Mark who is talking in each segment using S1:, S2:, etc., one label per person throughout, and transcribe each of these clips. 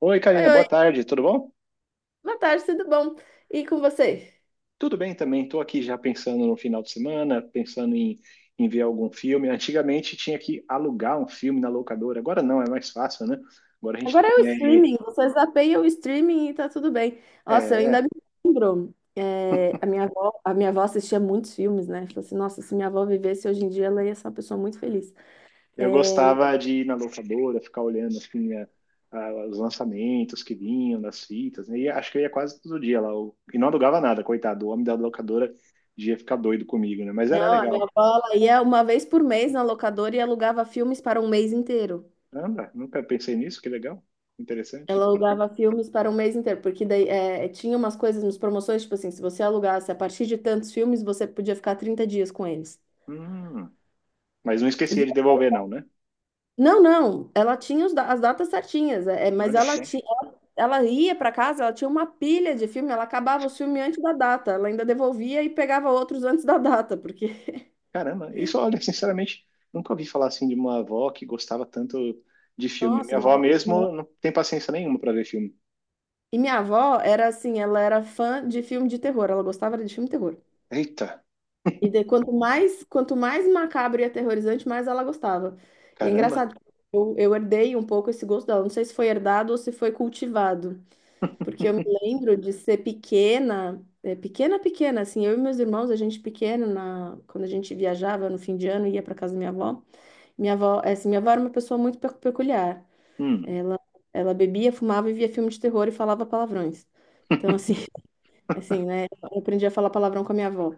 S1: Oi,
S2: Oi,
S1: Karina, boa
S2: oi.
S1: tarde, tudo bom?
S2: Boa tarde, tudo bom? E com você?
S1: Tudo bem também, estou aqui já pensando no final de semana, pensando em ver algum filme. Antigamente tinha que alugar um filme na locadora, agora não, é mais fácil, né? Agora a gente
S2: Agora é o
S1: põe aí.
S2: streaming, você zapeia o streaming e tá tudo bem. Nossa, eu ainda
S1: É,
S2: me lembro. A minha avó assistia muitos filmes, né? Falei assim, nossa, se minha avó vivesse hoje em dia, ela ia ser uma pessoa muito feliz. É,
S1: eu gostava de ir na locadora, ficar olhando assim, os lançamentos que vinham nas fitas, né? E acho que eu ia quase todo dia lá, e não alugava nada, coitado, o homem da locadora ia ficar doido comigo, né? Mas era
S2: não, a minha
S1: legal.
S2: avó, ela ia uma vez por mês na locadora e alugava filmes para um mês inteiro.
S1: Anda, nunca pensei nisso, que legal, interessante.
S2: Ela alugava filmes para um mês inteiro, porque daí tinha umas coisas, umas promoções, tipo assim, se você alugasse a partir de tantos filmes, você podia ficar 30 dias com eles.
S1: Hum. Mas não
S2: E
S1: esquecia de devolver, não, né?
S2: Não, não, ela tinha as datas certinhas, mas
S1: Olha
S2: ela
S1: só.
S2: tinha, ela ia para casa, ela tinha uma pilha de filme, ela acabava os filmes antes da data, ela ainda devolvia e pegava outros antes da data, porque,
S1: Caramba, isso, olha, sinceramente, nunca ouvi falar assim de uma avó que gostava tanto de filme.
S2: nossa,
S1: Minha avó mesmo não tem paciência nenhuma para ver filme.
S2: e minha avó era assim, ela era fã de filme de terror, ela gostava de filme de terror.
S1: Eita,
S2: Quanto mais macabro e aterrorizante, mais ela gostava. E é
S1: caramba.
S2: engraçado, eu herdei um pouco esse gosto dela, não sei se foi herdado ou se foi cultivado. Porque eu me lembro de ser pequena, pequena, pequena, assim, eu e meus irmãos, a gente pequeno, quando a gente viajava no fim de ano, ia para casa da minha avó. Minha avó, assim, minha avó era uma pessoa muito peculiar.
S1: Hum,
S2: Ela, ela bebia, fumava e via filme de terror e falava palavrões. Então, assim, assim, né? Eu aprendi a falar palavrão com a minha avó.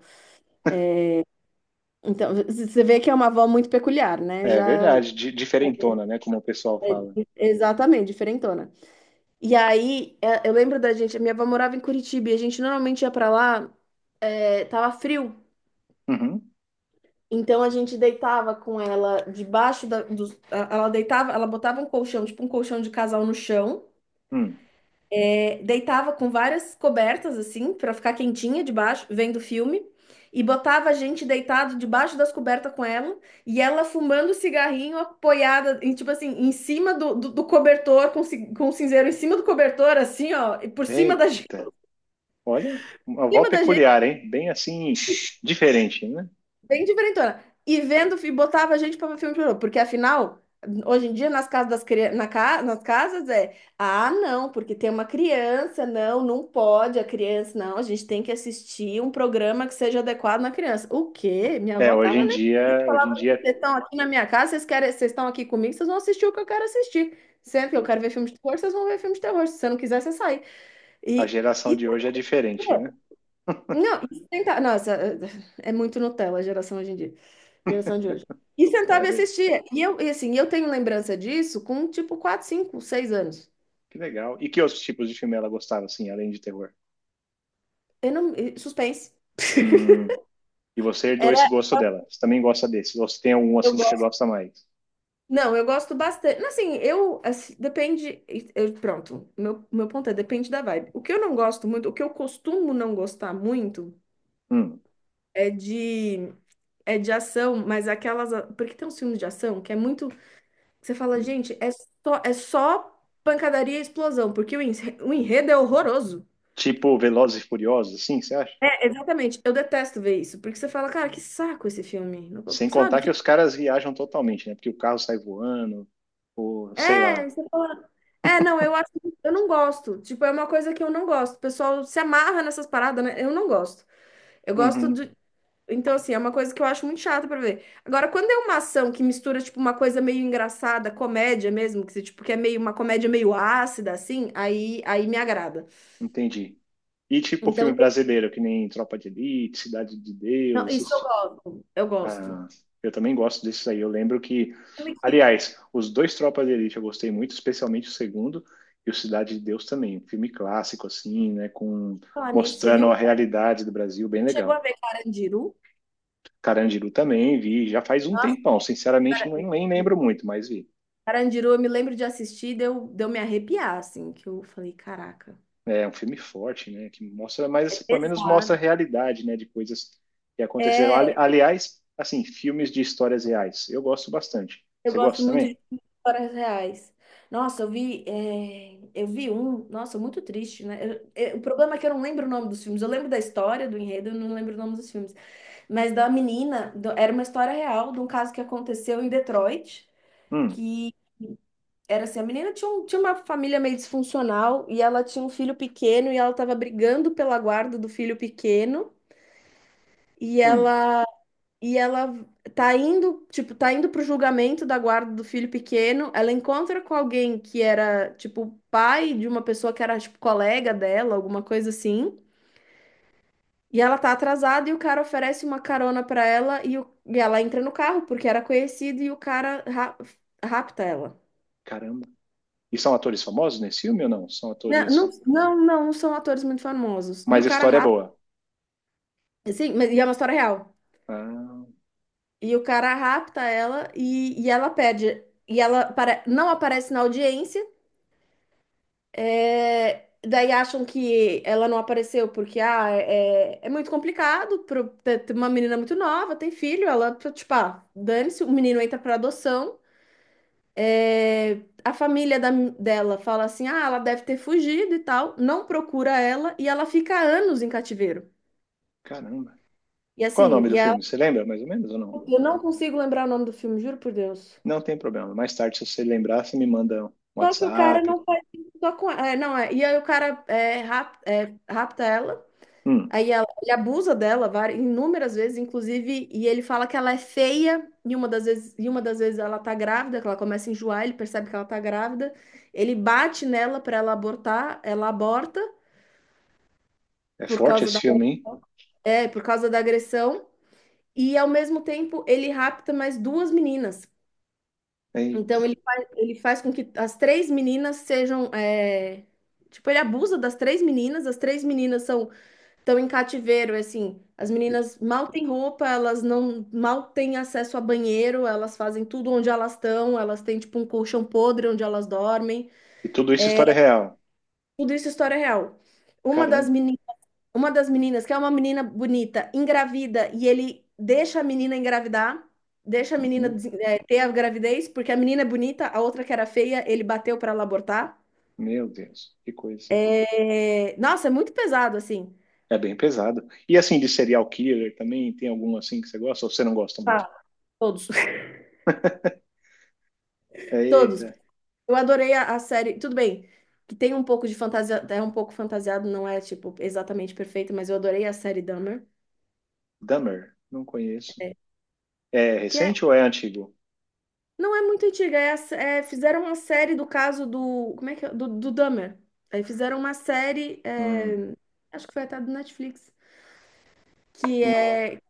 S2: Então, você vê que é uma avó muito peculiar, né?
S1: é
S2: Já,
S1: verdade, diferentona, né? Como o pessoal fala.
S2: exatamente, diferentona. E aí, eu lembro da gente, a minha avó morava em Curitiba e a gente normalmente ia para lá, tava frio.
S1: Uhum,
S2: Então a gente deitava com ela debaixo da, dos- a- ela deitava, ela botava um colchão, tipo um colchão de casal no chão,
S1: hum.
S2: deitava com várias cobertas assim pra ficar quentinha debaixo, vendo filme, e botava a gente deitado debaixo das cobertas com ela, e ela fumando cigarrinho apoiada em, tipo assim, em cima do cobertor com o cinzeiro em cima do cobertor assim, ó, e por cima da gente,
S1: Eita, olha, uma
S2: em
S1: avó
S2: cima da gente.
S1: peculiar, hein? Bem assim, diferente, né?
S2: Bem diferentona. E botava a gente pra ver filme de terror, porque afinal, hoje em dia, nas casas das crianças, nas casas não, porque tem uma criança, não, não pode a criança, não, a gente tem que assistir um programa que seja adequado na criança. O quê? Minha
S1: É,
S2: avó tava nem aí,
S1: hoje em
S2: falava
S1: dia,
S2: assim, vocês estão aqui na minha casa, vocês querem, vocês estão aqui comigo, vocês vão assistir o que eu quero assistir. Sempre que eu quero ver filme de terror, vocês vão ver filme de terror. Se você não quiser, você sai.
S1: a
S2: E,
S1: geração
S2: e
S1: de hoje é diferente, né?
S2: não, e sentar. Nossa, é muito Nutella a geração hoje em dia. Geração de hoje. E sentava e
S1: É,
S2: assistia. E assim, eu tenho lembrança disso com tipo 4, 5, 6 anos.
S1: que legal. E que outros tipos de filme ela gostava, assim, além de terror?
S2: Eu não, e suspense.
S1: Hum. E você herdou esse
S2: Era,
S1: gosto dela. Você também gosta desses? Ou você tem algum,
S2: eu
S1: assim, que você
S2: gosto.
S1: gosta mais?
S2: Não, eu gosto bastante. Assim, eu, assim, depende. Eu, pronto, meu ponto é: depende da vibe. O que eu não gosto muito, o que eu costumo não gostar muito
S1: Hum.
S2: é de, é de ação, mas aquelas. Porque tem uns filmes de ação que é muito. Você fala, gente, é só pancadaria e explosão, porque o enredo é horroroso.
S1: Tipo Velozes e Furiosos, assim, você acha?
S2: É, exatamente. Eu detesto ver isso, porque você fala, cara, que saco esse filme. Não vou-
S1: Sem
S2: Sabe?
S1: contar que
S2: Que...
S1: os caras viajam totalmente, né? Porque o carro sai voando, ou sei lá.
S2: É, você fala. É, não, eu acho, eu não gosto. Tipo, é uma coisa que eu não gosto. O pessoal se amarra nessas paradas, né? Eu não gosto. Eu gosto
S1: Uhum,
S2: de. Então, assim, é uma coisa que eu acho muito chata pra ver. Agora, quando é uma ação que mistura, tipo, uma coisa meio engraçada, comédia mesmo, que, você, tipo, que é meio uma comédia meio ácida, assim, aí me agrada.
S1: entendi. E tipo
S2: Então,
S1: filme brasileiro, que nem Tropa de Elite, Cidade de
S2: não,
S1: Deus,
S2: isso eu
S1: esses.
S2: gosto. Eu gosto.
S1: Ah, eu também gosto desses aí. Eu lembro que,
S2: Filme que
S1: aliás, os dois Tropas de Elite eu gostei muito, especialmente o segundo e o Cidade de Deus também. Um filme clássico, assim, né? Com,
S2: falar nisso, você
S1: mostrando
S2: viu?
S1: a
S2: Cara,
S1: realidade do Brasil, bem
S2: chegou a
S1: legal.
S2: ver Carandiru?
S1: Carandiru também vi, já faz um
S2: Nossa,
S1: tempão. Sinceramente,
S2: cara,
S1: não, nem lembro
S2: hum,
S1: muito, mas vi.
S2: Carandiru, eu me lembro de assistir, deu me arrepiar, assim, que eu falei, caraca,
S1: É um filme forte, né? Que mostra, mas
S2: é
S1: assim, pelo menos mostra a
S2: pesado.
S1: realidade, né? De coisas que aconteceram.
S2: É,
S1: Aliás, assim, filmes de histórias reais. Eu gosto bastante.
S2: eu
S1: Você
S2: gosto
S1: gosta
S2: muito de
S1: também?
S2: histórias reais. Nossa, eu vi um, nossa, muito triste, né? O problema é que eu não lembro o nome dos filmes. Eu lembro da história, do enredo, eu não lembro o nome dos filmes. Mas da menina, era uma história real de um caso que aconteceu em Detroit,
S1: Hum,
S2: que era assim, a menina tinha, tinha uma família meio disfuncional e ela tinha um filho pequeno e ela estava brigando pela guarda do filho pequeno e
S1: hum.
S2: ela e ela tá indo pro julgamento da guarda do filho pequeno. Ela encontra com alguém que era, tipo, pai de uma pessoa que era, tipo, colega dela, alguma coisa assim. E ela tá atrasada e o cara oferece uma carona pra ela e ela entra no carro porque era conhecido e o cara rapta ela.
S1: Caramba. E são atores famosos nesse filme ou não? São
S2: Né, não,
S1: atores.
S2: não, não, são atores muito famosos. E
S1: Mas
S2: o
S1: a
S2: cara
S1: história é
S2: rapta,
S1: boa.
S2: sim, mas e é uma história real.
S1: Ah,
S2: E o cara rapta ela e ela pede. E ela não aparece na audiência. Daí acham que ela não apareceu porque é muito complicado para uma menina muito nova, tem filho, ela, tipo, ah, dane-se, o menino entra para adoção. É, a família dela fala assim: ah, ela deve ter fugido e tal, não procura ela e ela fica anos em cativeiro.
S1: caramba.
S2: E
S1: Qual é o
S2: assim,
S1: nome do filme? Você lembra mais ou menos ou não?
S2: eu não consigo lembrar o nome do filme, juro por Deus.
S1: Não tem problema. Mais tarde, se você lembrar, você me manda um
S2: Só que o cara
S1: WhatsApp.
S2: não faz isso só com. É, não, é. E aí o cara rapta ela,
S1: Hum,
S2: ele abusa dela várias, inúmeras vezes, inclusive, e ele fala que ela é feia, e uma das vezes ela tá grávida, que ela começa a enjoar, ele percebe que ela tá grávida, ele bate nela pra ela abortar, ela aborta
S1: é
S2: por
S1: forte
S2: causa
S1: esse
S2: da,
S1: filme, hein?
S2: por causa da agressão, e ao mesmo tempo ele rapta mais duas meninas. Então
S1: Eita.
S2: ele faz com que as três meninas sejam. Tipo, ele abusa das três meninas, as três meninas são estão em cativeiro, é assim, as
S1: E,
S2: meninas mal têm roupa, elas não mal têm acesso a banheiro, elas fazem tudo onde elas estão, elas têm tipo um colchão podre onde elas dormem.
S1: e tudo isso é história real.
S2: Tudo isso é história real. Uma das
S1: Caramba.
S2: meninas uma das meninas, que é uma menina bonita, engravida, e ele deixa a menina engravidar, deixa a menina
S1: Uhum.
S2: ter a gravidez, porque a menina é bonita, a outra que era feia, ele bateu para ela abortar.
S1: Meu Deus, que coisa.
S2: É, nossa, é muito pesado, assim.
S1: É bem pesado. E assim, de serial killer também, tem algum assim que você gosta ou você não gosta muito?
S2: Tá. Todos, todos.
S1: Eita,
S2: Eu adorei a série. Tudo bem, que tem um pouco de fantasia, é um pouco fantasiado, não é, tipo, exatamente perfeito, mas eu adorei a série Dahmer,
S1: Dahmer, não conheço.
S2: é,
S1: É
S2: que é
S1: recente ou é antigo?
S2: não é muito antiga, fizeram uma série do caso do. Como é que é? Do Dahmer. Aí fizeram uma série,
S1: Hum,
S2: acho que foi até do Netflix, que
S1: não.
S2: é,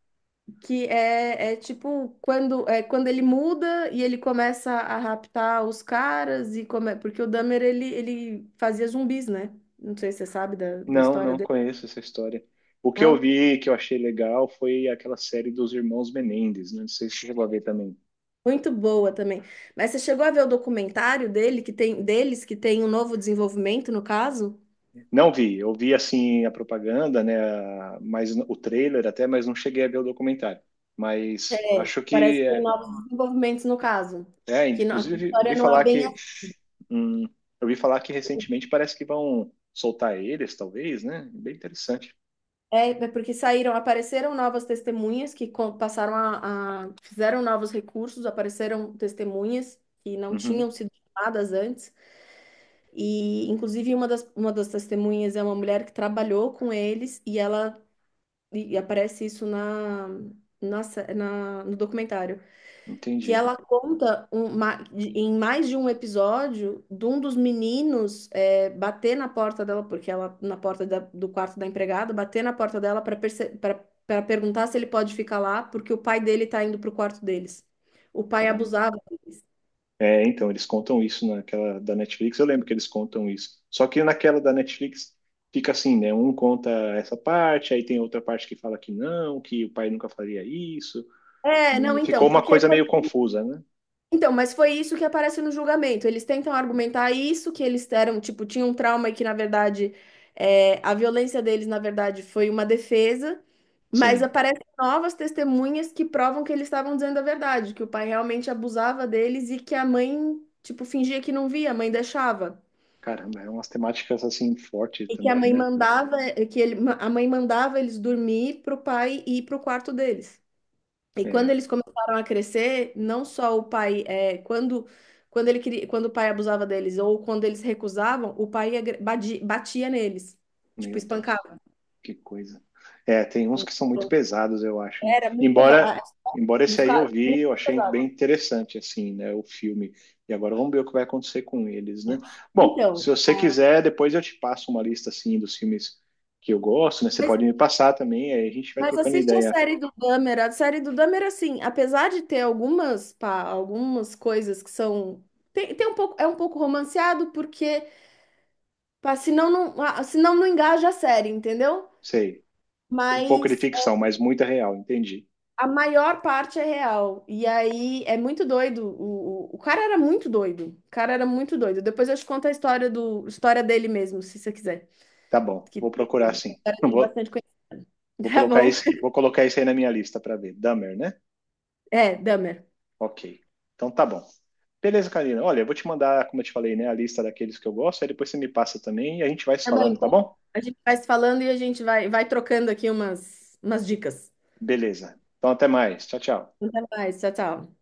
S2: que é, é tipo quando ele muda e ele começa a raptar os caras e come, porque o Dahmer ele fazia zumbis, né? Não sei se você sabe da
S1: Não,
S2: história
S1: não
S2: dele.
S1: conheço essa história. O que eu
S2: Não?
S1: vi que eu achei legal foi aquela série dos Irmãos Menendez, né? Não sei se você chegou a ver também.
S2: Muito boa também. Mas você chegou a ver o documentário dele que tem deles que tem um novo desenvolvimento no caso?
S1: Não vi, eu vi assim a propaganda, né? Mas o trailer até, mas não cheguei a ver o documentário. Mas
S2: É,
S1: acho
S2: parece
S1: que
S2: que tem
S1: é,
S2: novos desenvolvimentos no caso.
S1: é,
S2: Que a
S1: inclusive
S2: história
S1: vi
S2: não é
S1: falar
S2: bem.
S1: que hum, eu vi falar que recentemente parece que vão soltar eles, talvez, né? Bem interessante.
S2: É, porque saíram, apareceram novas testemunhas que co- passaram a- fizeram novos recursos, apareceram testemunhas que não tinham
S1: Uhum,
S2: sido chamadas antes. E, inclusive, uma das testemunhas é uma mulher que trabalhou com eles e ela. E, aparece isso no documentário. Que
S1: entendi.
S2: ela conta em mais de um episódio de um dos meninos bater na porta dela, porque ela, na porta do quarto da empregada, bater na porta dela para perguntar se ele pode ficar lá, porque o pai dele tá indo pro quarto deles. O pai
S1: Caramba.
S2: abusava deles.
S1: É, então, eles contam isso naquela da Netflix, eu lembro que eles contam isso. Só que naquela da Netflix fica assim, né? Um conta essa parte, aí tem outra parte que fala que não, que o pai nunca faria isso.
S2: É, não,
S1: Né, ficou
S2: então,
S1: uma
S2: porque
S1: coisa
S2: foi
S1: meio confusa, né?
S2: Então, mas foi isso que aparece no julgamento. Eles tentam argumentar isso que eles eram, tipo, tinha um trauma e que, na verdade, a violência deles, na verdade, foi uma defesa, mas
S1: Sim,
S2: aparecem novas testemunhas que provam que eles estavam dizendo a verdade, que o pai realmente abusava deles e que a mãe, tipo, fingia que não via, a mãe deixava.
S1: caramba, é umas temáticas assim fortes
S2: E que a
S1: também,
S2: mãe
S1: né?
S2: mandava, a mãe mandava eles dormir pro pai ir pro quarto deles. E quando
S1: É,
S2: eles começaram a crescer, não só o pai, quando, quando o pai abusava deles ou quando eles recusavam, o pai batia neles, tipo,
S1: meu Deus.
S2: espancava.
S1: Que coisa. É, tem uns que são muito
S2: Então,
S1: pesados, eu acho, né?
S2: era muito pesado.
S1: Embora, embora esse
S2: Dos
S1: aí eu
S2: caras,
S1: vi,
S2: muito
S1: eu achei bem
S2: pesado.
S1: interessante, assim, né, o filme. E agora vamos ver o que vai acontecer com eles, né? Bom, se
S2: Então,
S1: você quiser, depois eu te passo uma lista, assim, dos filmes que eu gosto, né? Você
S2: mas,
S1: pode me passar também, aí a gente vai
S2: mas
S1: trocando
S2: assiste a
S1: ideia.
S2: série do Dahmer. A série do Dahmer, assim, apesar de ter algumas coisas que são. Tem um pouco, é um pouco romanceado, porque, pá, senão não engaja a série, entendeu?
S1: Sei, tem um pouco de
S2: Mas
S1: ficção, mas muita real, entendi.
S2: a maior parte é real. E aí é muito doido. O cara era muito doido. O cara era muito doido. Depois eu te conto a história história dele mesmo, se você quiser.
S1: Tá bom,
S2: Que
S1: vou
S2: tem,
S1: procurar
S2: a
S1: sim.
S2: história
S1: Não
S2: dele é
S1: vou,
S2: bastante conhecida. Tá bom.
S1: vou colocar isso aí na minha lista para ver. Dahmer, né?
S2: É, Dahmer.
S1: Ok. Então tá bom. Beleza, Karina. Olha, eu vou te mandar, como eu te falei, né, a lista daqueles que eu gosto, aí depois você me passa também e a gente vai se
S2: Tá bom,
S1: falando, tá
S2: então
S1: bom?
S2: a gente vai se falando e a gente vai trocando aqui umas dicas.
S1: Beleza. Então até mais. Tchau, tchau.
S2: Até mais. Tchau, tchau.